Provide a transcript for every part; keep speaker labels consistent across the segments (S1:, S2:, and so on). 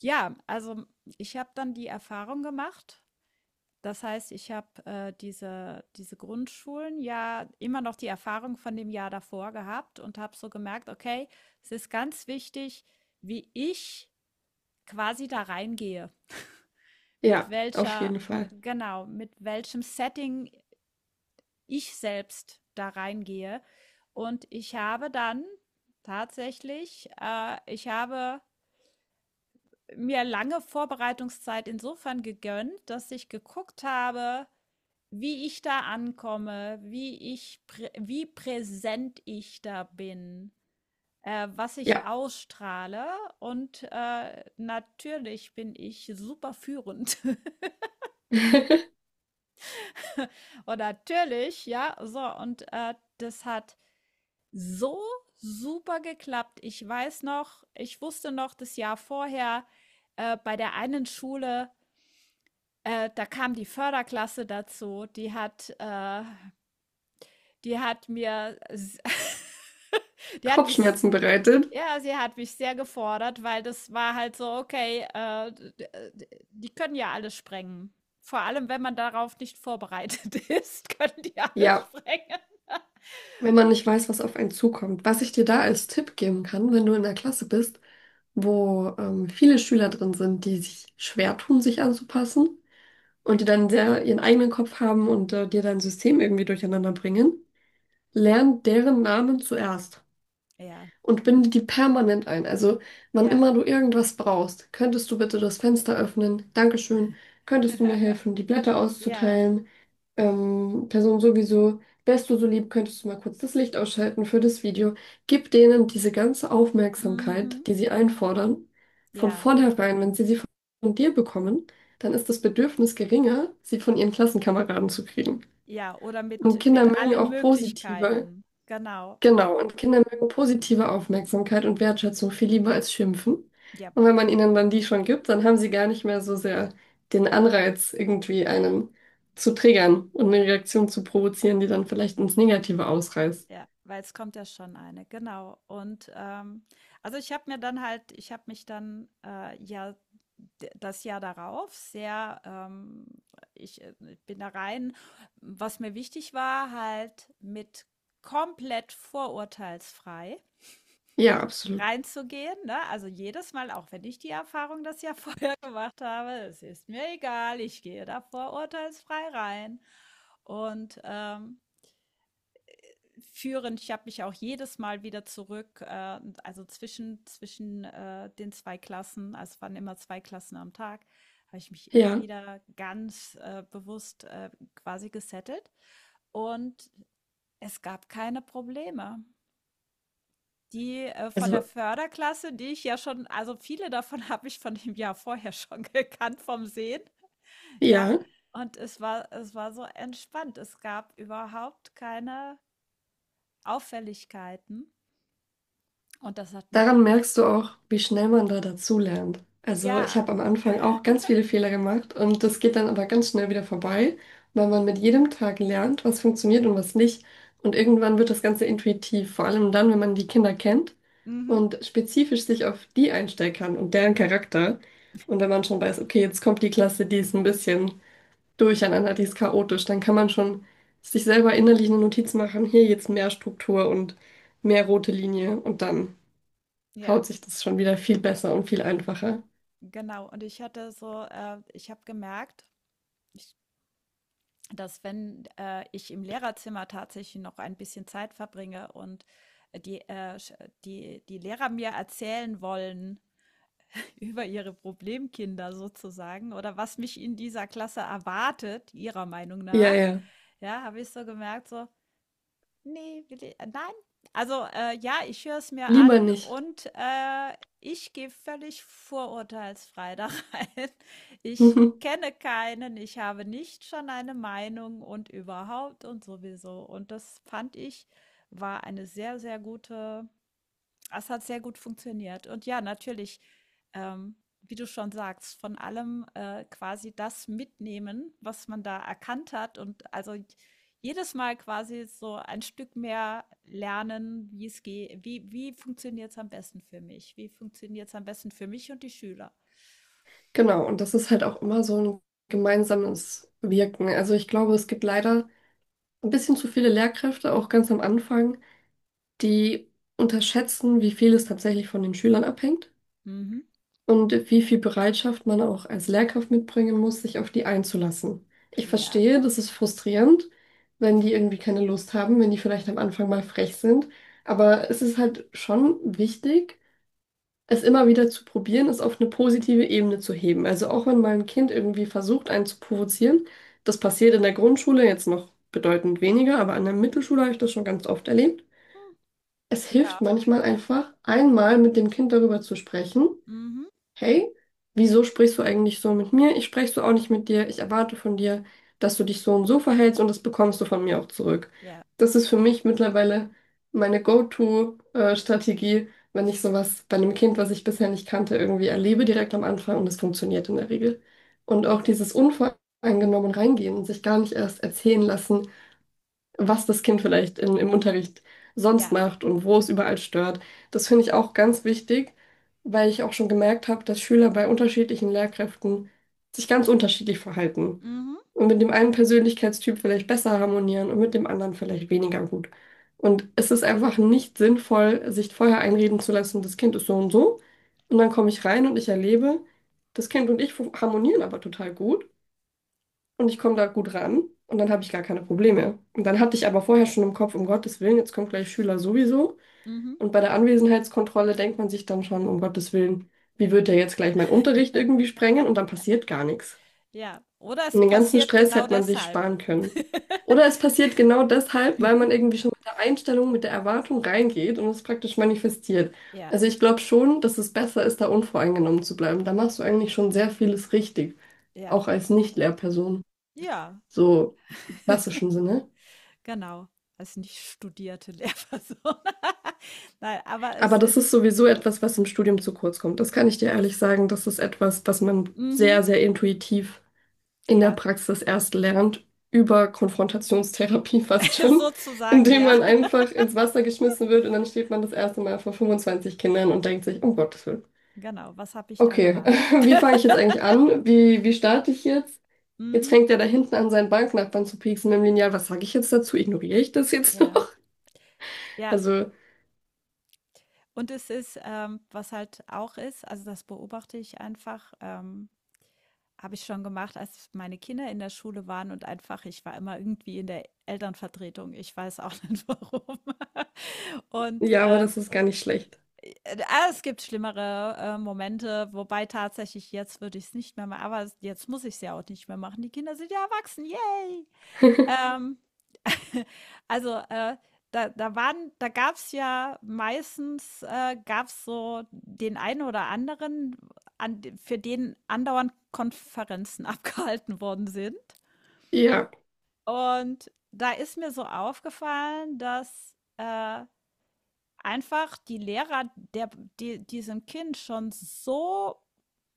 S1: Ja, also ich habe dann die Erfahrung gemacht. Das heißt, ich habe diese Grundschulen ja immer noch die Erfahrung von dem Jahr davor gehabt und habe so gemerkt, okay, es ist ganz wichtig, wie ich quasi da reingehe, mit
S2: Ja, auf jeden Fall.
S1: genau, mit welchem Setting ich selbst da reingehe. Und ich habe dann tatsächlich, ich habe mir lange Vorbereitungszeit insofern gegönnt, dass ich geguckt habe, wie ich da ankomme, wie ich, prä wie präsent ich da bin, was ich
S2: Ja.
S1: ausstrahle und natürlich bin ich super führend und natürlich, ja, so und das hat so super geklappt. Ich weiß noch, ich wusste noch das Jahr vorher bei der einen Schule, da kam die Förderklasse dazu, die hat mir die hat mich
S2: Kopfschmerzen bereitet.
S1: ja, sie hat mich sehr gefordert, weil das war halt so: „Okay, d die können ja alles sprengen.“ Vor allem, wenn man darauf nicht vorbereitet ist, können die alles
S2: Ja,
S1: sprengen.
S2: wenn man nicht weiß, was auf einen zukommt. Was ich dir da als Tipp geben kann, wenn du in der Klasse bist, wo viele Schüler drin sind, die sich schwer tun, sich anzupassen und die dann sehr ihren eigenen Kopf haben und dir dein System irgendwie durcheinander bringen, lern deren Namen zuerst
S1: Ja,
S2: und binde die permanent ein. Also, wann
S1: ja,
S2: immer du irgendwas brauchst, könntest du bitte das Fenster öffnen? Dankeschön. Könntest du mir helfen, die Blätter
S1: ja.
S2: auszuteilen? Person sowieso, wärst du so lieb, könntest du mal kurz das Licht ausschalten für das Video. Gib denen diese ganze Aufmerksamkeit,
S1: Mhm.
S2: die sie einfordern, von
S1: Ja,
S2: vornherein, wenn sie sie von dir bekommen, dann ist das Bedürfnis geringer, sie von ihren Klassenkameraden zu kriegen.
S1: ja, oder
S2: Und
S1: mit
S2: Kinder mögen
S1: allen
S2: auch positive
S1: Möglichkeiten. Genau. Mhm.
S2: Genau, und Kinder mögen positive Aufmerksamkeit und Wertschätzung viel lieber als Schimpfen.
S1: Ja.
S2: Und wenn man ihnen dann die schon gibt, dann haben sie gar nicht mehr so sehr den Anreiz, irgendwie einen zu triggern und eine Reaktion zu provozieren, die dann vielleicht ins Negative ausreißt.
S1: Ja, weil es kommt ja schon eine, genau. Und also ich habe mir dann halt, ich habe mich dann ja, das Jahr darauf sehr, ich bin da rein, was mir wichtig war, halt mit komplett vorurteilsfrei
S2: Ja, absolut.
S1: reinzugehen, ne? Also jedes Mal, auch wenn ich die Erfahrung das Jahr vorher gemacht habe, es ist mir egal, ich gehe da vorurteilsfrei rein. Und führend. Ich habe mich auch jedes Mal wieder zurück, also zwischen den zwei Klassen, also es waren immer zwei Klassen am Tag, habe ich mich immer
S2: Ja,
S1: wieder ganz bewusst quasi gesettelt. Und es gab keine Probleme. Die von der
S2: also
S1: Förderklasse, die ich ja schon, also viele davon habe ich von dem Jahr vorher schon gekannt vom Sehen, ja.
S2: ja.
S1: Und es war so entspannt. Es gab überhaupt keine Auffälligkeiten. Und das hat mich
S2: Daran merkst du auch, wie schnell man da dazulernt. Also ich
S1: ja,
S2: habe am Anfang auch ganz viele Fehler gemacht und das geht dann aber ganz schnell wieder vorbei, weil man mit jedem Tag lernt, was funktioniert und was nicht. Und irgendwann wird das Ganze intuitiv, vor allem dann, wenn man die Kinder kennt
S1: mhm,
S2: und spezifisch sich auf die einstellen kann und deren Charakter. Und wenn man schon weiß, okay, jetzt kommt die Klasse, die ist ein bisschen durcheinander, die ist chaotisch, dann kann man schon sich selber innerlich eine Notiz machen, hier jetzt mehr Struktur und mehr rote Linie und dann
S1: ja,
S2: haut sich das schon wieder viel besser und viel einfacher.
S1: genau. Und ich hatte so, ich habe gemerkt, ich dass wenn, ich im Lehrerzimmer tatsächlich noch ein bisschen Zeit verbringe und äh, die, äh, sch die Lehrer mir erzählen wollen über ihre Problemkinder sozusagen oder was mich in dieser Klasse erwartet, ihrer Meinung
S2: Ja,
S1: nach,
S2: ja.
S1: ja, habe ich so gemerkt, so ne, will i nein. Also, ja, ich höre es mir an
S2: Lieber nicht.
S1: und, ich gehe völlig vorurteilsfrei da rein. Ich kenne keinen, ich habe nicht schon eine Meinung und überhaupt und sowieso. Und das fand ich, war eine sehr, sehr gute es hat sehr gut funktioniert. Und ja, natürlich, ähm, wie du schon sagst, von allem quasi das mitnehmen, was man da erkannt hat. Und also jedes Mal quasi so ein Stück mehr lernen, wie es geht, wie funktioniert es am besten für mich? Wie funktioniert es am besten für mich und die Schüler?
S2: Genau, und das ist halt auch immer so ein gemeinsames Wirken. Also ich glaube, es gibt leider ein bisschen zu viele Lehrkräfte, auch ganz am Anfang, die unterschätzen, wie viel es tatsächlich von den Schülern abhängt
S1: Mhm.
S2: und wie viel Bereitschaft man auch als Lehrkraft mitbringen muss, sich auf die einzulassen. Ich
S1: Ja.
S2: verstehe, das ist frustrierend, wenn die irgendwie keine Lust haben, wenn die vielleicht am Anfang mal frech sind, aber es ist halt schon wichtig, es immer wieder zu probieren, es auf eine positive Ebene zu heben. Also auch wenn mal ein Kind irgendwie versucht, einen zu provozieren, das passiert in der Grundschule jetzt noch bedeutend weniger, aber an der Mittelschule habe ich das schon ganz oft erlebt.
S1: Hm.
S2: Es hilft
S1: Ja.
S2: manchmal einfach, einmal mit dem Kind darüber zu sprechen.
S1: Mhm.
S2: Hey, wieso sprichst du eigentlich so mit mir? Ich spreche so auch nicht mit dir. Ich erwarte von dir, dass du dich so und so verhältst und das bekommst du von mir auch zurück.
S1: Ja.
S2: Das ist für mich mittlerweile meine Go-To-Strategie, wenn ich sowas bei einem Kind, was ich bisher nicht kannte, irgendwie erlebe direkt am Anfang und es funktioniert in der Regel. Und auch
S1: Ja.
S2: dieses unvoreingenommen reingehen, sich gar nicht erst erzählen lassen, was das Kind vielleicht in, im Unterricht sonst
S1: Ja.
S2: macht und wo es überall stört. Das finde ich auch ganz wichtig, weil ich auch schon gemerkt habe, dass Schüler bei unterschiedlichen Lehrkräften sich ganz unterschiedlich verhalten
S1: Mhm.
S2: und mit dem einen Persönlichkeitstyp vielleicht besser harmonieren und mit dem anderen vielleicht weniger gut. Und es ist einfach nicht sinnvoll, sich vorher einreden zu lassen, das Kind ist so und so. Und dann komme ich rein und ich erlebe, das Kind und ich harmonieren aber total gut und ich komme da gut ran und dann habe ich gar keine Probleme. Und dann hatte ich aber vorher schon im Kopf, um Gottes Willen, jetzt kommt gleich Schüler sowieso.
S1: Mhm.
S2: Und bei der Anwesenheitskontrolle denkt man sich dann schon, um Gottes Willen, wie wird der jetzt gleich meinen Unterricht irgendwie sprengen? Und dann passiert gar nichts.
S1: Ja. Oder
S2: Und
S1: es
S2: den ganzen
S1: passiert
S2: Stress
S1: genau
S2: hätte man sich
S1: deshalb.
S2: sparen können. Oder es passiert genau deshalb, weil man irgendwie schon mit der Einstellung, mit der Erwartung reingeht und es praktisch manifestiert.
S1: Ja.
S2: Also ich glaube schon, dass es besser ist, da unvoreingenommen zu bleiben. Da machst du eigentlich schon sehr vieles richtig,
S1: Ja.
S2: auch als Nicht-Lehrperson
S1: Ja.
S2: so im klassischen Sinne.
S1: Genau, als nicht studierte Lehrperson. Nein, aber
S2: Aber
S1: es
S2: das ist
S1: ist
S2: sowieso etwas, was im Studium zu kurz kommt. Das kann ich dir ehrlich
S1: das
S2: sagen. Das ist etwas, das man
S1: mhm,
S2: sehr, sehr intuitiv in der
S1: ja,
S2: Praxis erst lernt, über Konfrontationstherapie fast schon,
S1: sozusagen,
S2: indem
S1: ja.
S2: man einfach ins Wasser geschmissen wird und dann steht man das erste Mal vor 25 Kindern und denkt sich, um Gottes Willen.
S1: Genau, was habe ich da
S2: Okay,
S1: gemacht?
S2: wie fange ich jetzt eigentlich an? Wie, wie starte ich jetzt? Jetzt
S1: Mhm,
S2: fängt er da hinten an, seinen Banknachbarn zu pieksen mit dem Lineal. Was sage ich jetzt dazu? Ignoriere ich das jetzt noch?
S1: ja, ja.
S2: Also,
S1: Und es ist, was halt auch ist, also das beobachte ich einfach, habe ich schon gemacht, als meine Kinder in der Schule waren und einfach, ich war immer irgendwie in der Elternvertretung. Ich weiß auch nicht warum. Und
S2: ja, aber das ist gar nicht schlecht.
S1: Es gibt schlimmere, Momente, wobei tatsächlich jetzt würde ich es nicht mehr machen. Aber s jetzt muss ich es ja auch nicht mehr machen. Die Kinder sind ja erwachsen, yay. Ähm, also, da waren da gab's ja meistens, gab's so den einen oder anderen, an für den andauernd Konferenzen abgehalten worden sind.
S2: Ja.
S1: Und da ist mir so aufgefallen, dass, einfach die Lehrer, der, die diesem Kind schon so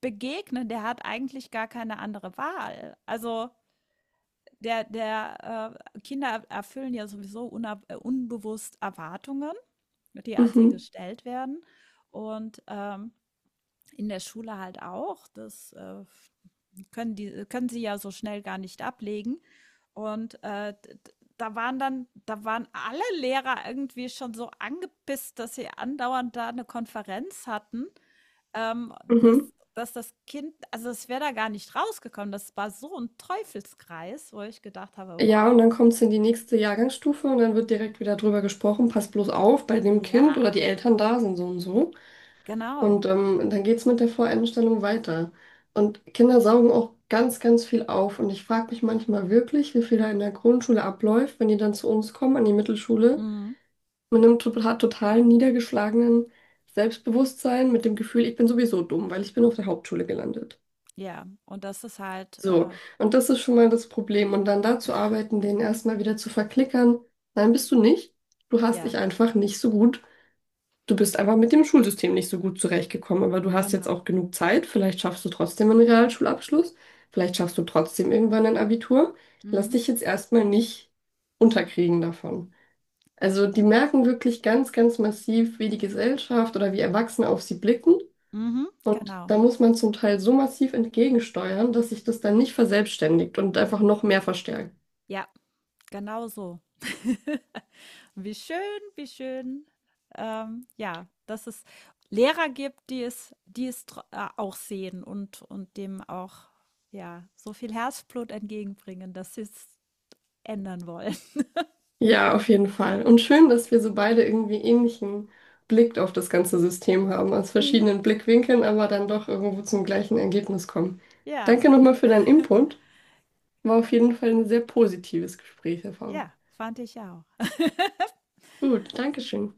S1: begegnen, der hat eigentlich gar keine andere Wahl. Also der, der Kinder erfüllen ja sowieso unbewusst Erwartungen, die an sie
S2: Mhm.
S1: gestellt werden. Und in der Schule halt auch. Das, können sie ja so schnell gar nicht ablegen. Und da waren dann, da waren alle Lehrer irgendwie schon so angepisst, dass sie andauernd da eine Konferenz hatten, ähm, dass,
S2: Mhm.
S1: dass das Kind, also es wäre da gar nicht rausgekommen. Das war so ein Teufelskreis, wo ich gedacht habe,
S2: Ja, und dann
S1: wow,
S2: kommt es in die nächste Jahrgangsstufe und dann wird direkt wieder drüber gesprochen, passt bloß auf, bei dem
S1: ja,
S2: Kind oder die Eltern da sind so und so.
S1: genau.
S2: Und dann geht es mit der Voreinstellung weiter. Und Kinder saugen auch ganz, ganz viel auf. Und ich frage mich manchmal wirklich, wie viel da in der Grundschule abläuft, wenn die dann zu uns kommen, an die Mittelschule,
S1: Mhm.
S2: mit einem total, total niedergeschlagenen Selbstbewusstsein, mit dem Gefühl, ich bin sowieso dumm, weil ich bin auf der Hauptschule gelandet.
S1: Ja, und das ist halt,
S2: So, und das ist schon mal das Problem. Und dann dazu arbeiten, den erstmal wieder zu verklickern. Nein, bist du nicht. Du hast
S1: ja,
S2: dich einfach nicht so gut. Du bist einfach mit dem Schulsystem nicht so gut zurechtgekommen, aber du hast jetzt
S1: genau.
S2: auch genug Zeit. Vielleicht schaffst du trotzdem einen Realschulabschluss. Vielleicht schaffst du trotzdem irgendwann ein Abitur. Lass
S1: Mhm.
S2: dich jetzt erstmal nicht unterkriegen davon. Also die merken wirklich ganz, ganz massiv, wie die Gesellschaft oder wie Erwachsene auf sie blicken.
S1: Mhm.
S2: Und
S1: Genau.
S2: da muss man zum Teil so massiv entgegensteuern, dass sich das dann nicht verselbstständigt und einfach noch mehr verstärkt.
S1: Ja, genau so. Wie schön, wie schön. Ja, dass es Lehrer gibt, die es auch sehen und dem auch ja, so viel Herzblut entgegenbringen, dass sie es ändern wollen.
S2: Ja, auf jeden Fall. Und schön, dass wir so beide irgendwie ähnlichen Blick auf das ganze System haben, aus
S1: Mhm.
S2: verschiedenen Blickwinkeln, aber dann doch irgendwo zum gleichen Ergebnis kommen.
S1: Ja,
S2: Danke nochmal für deinen Input. War auf jeden Fall ein sehr positives Gesprächserfahrung.
S1: ja, fand ich auch.
S2: Gut, Dankeschön.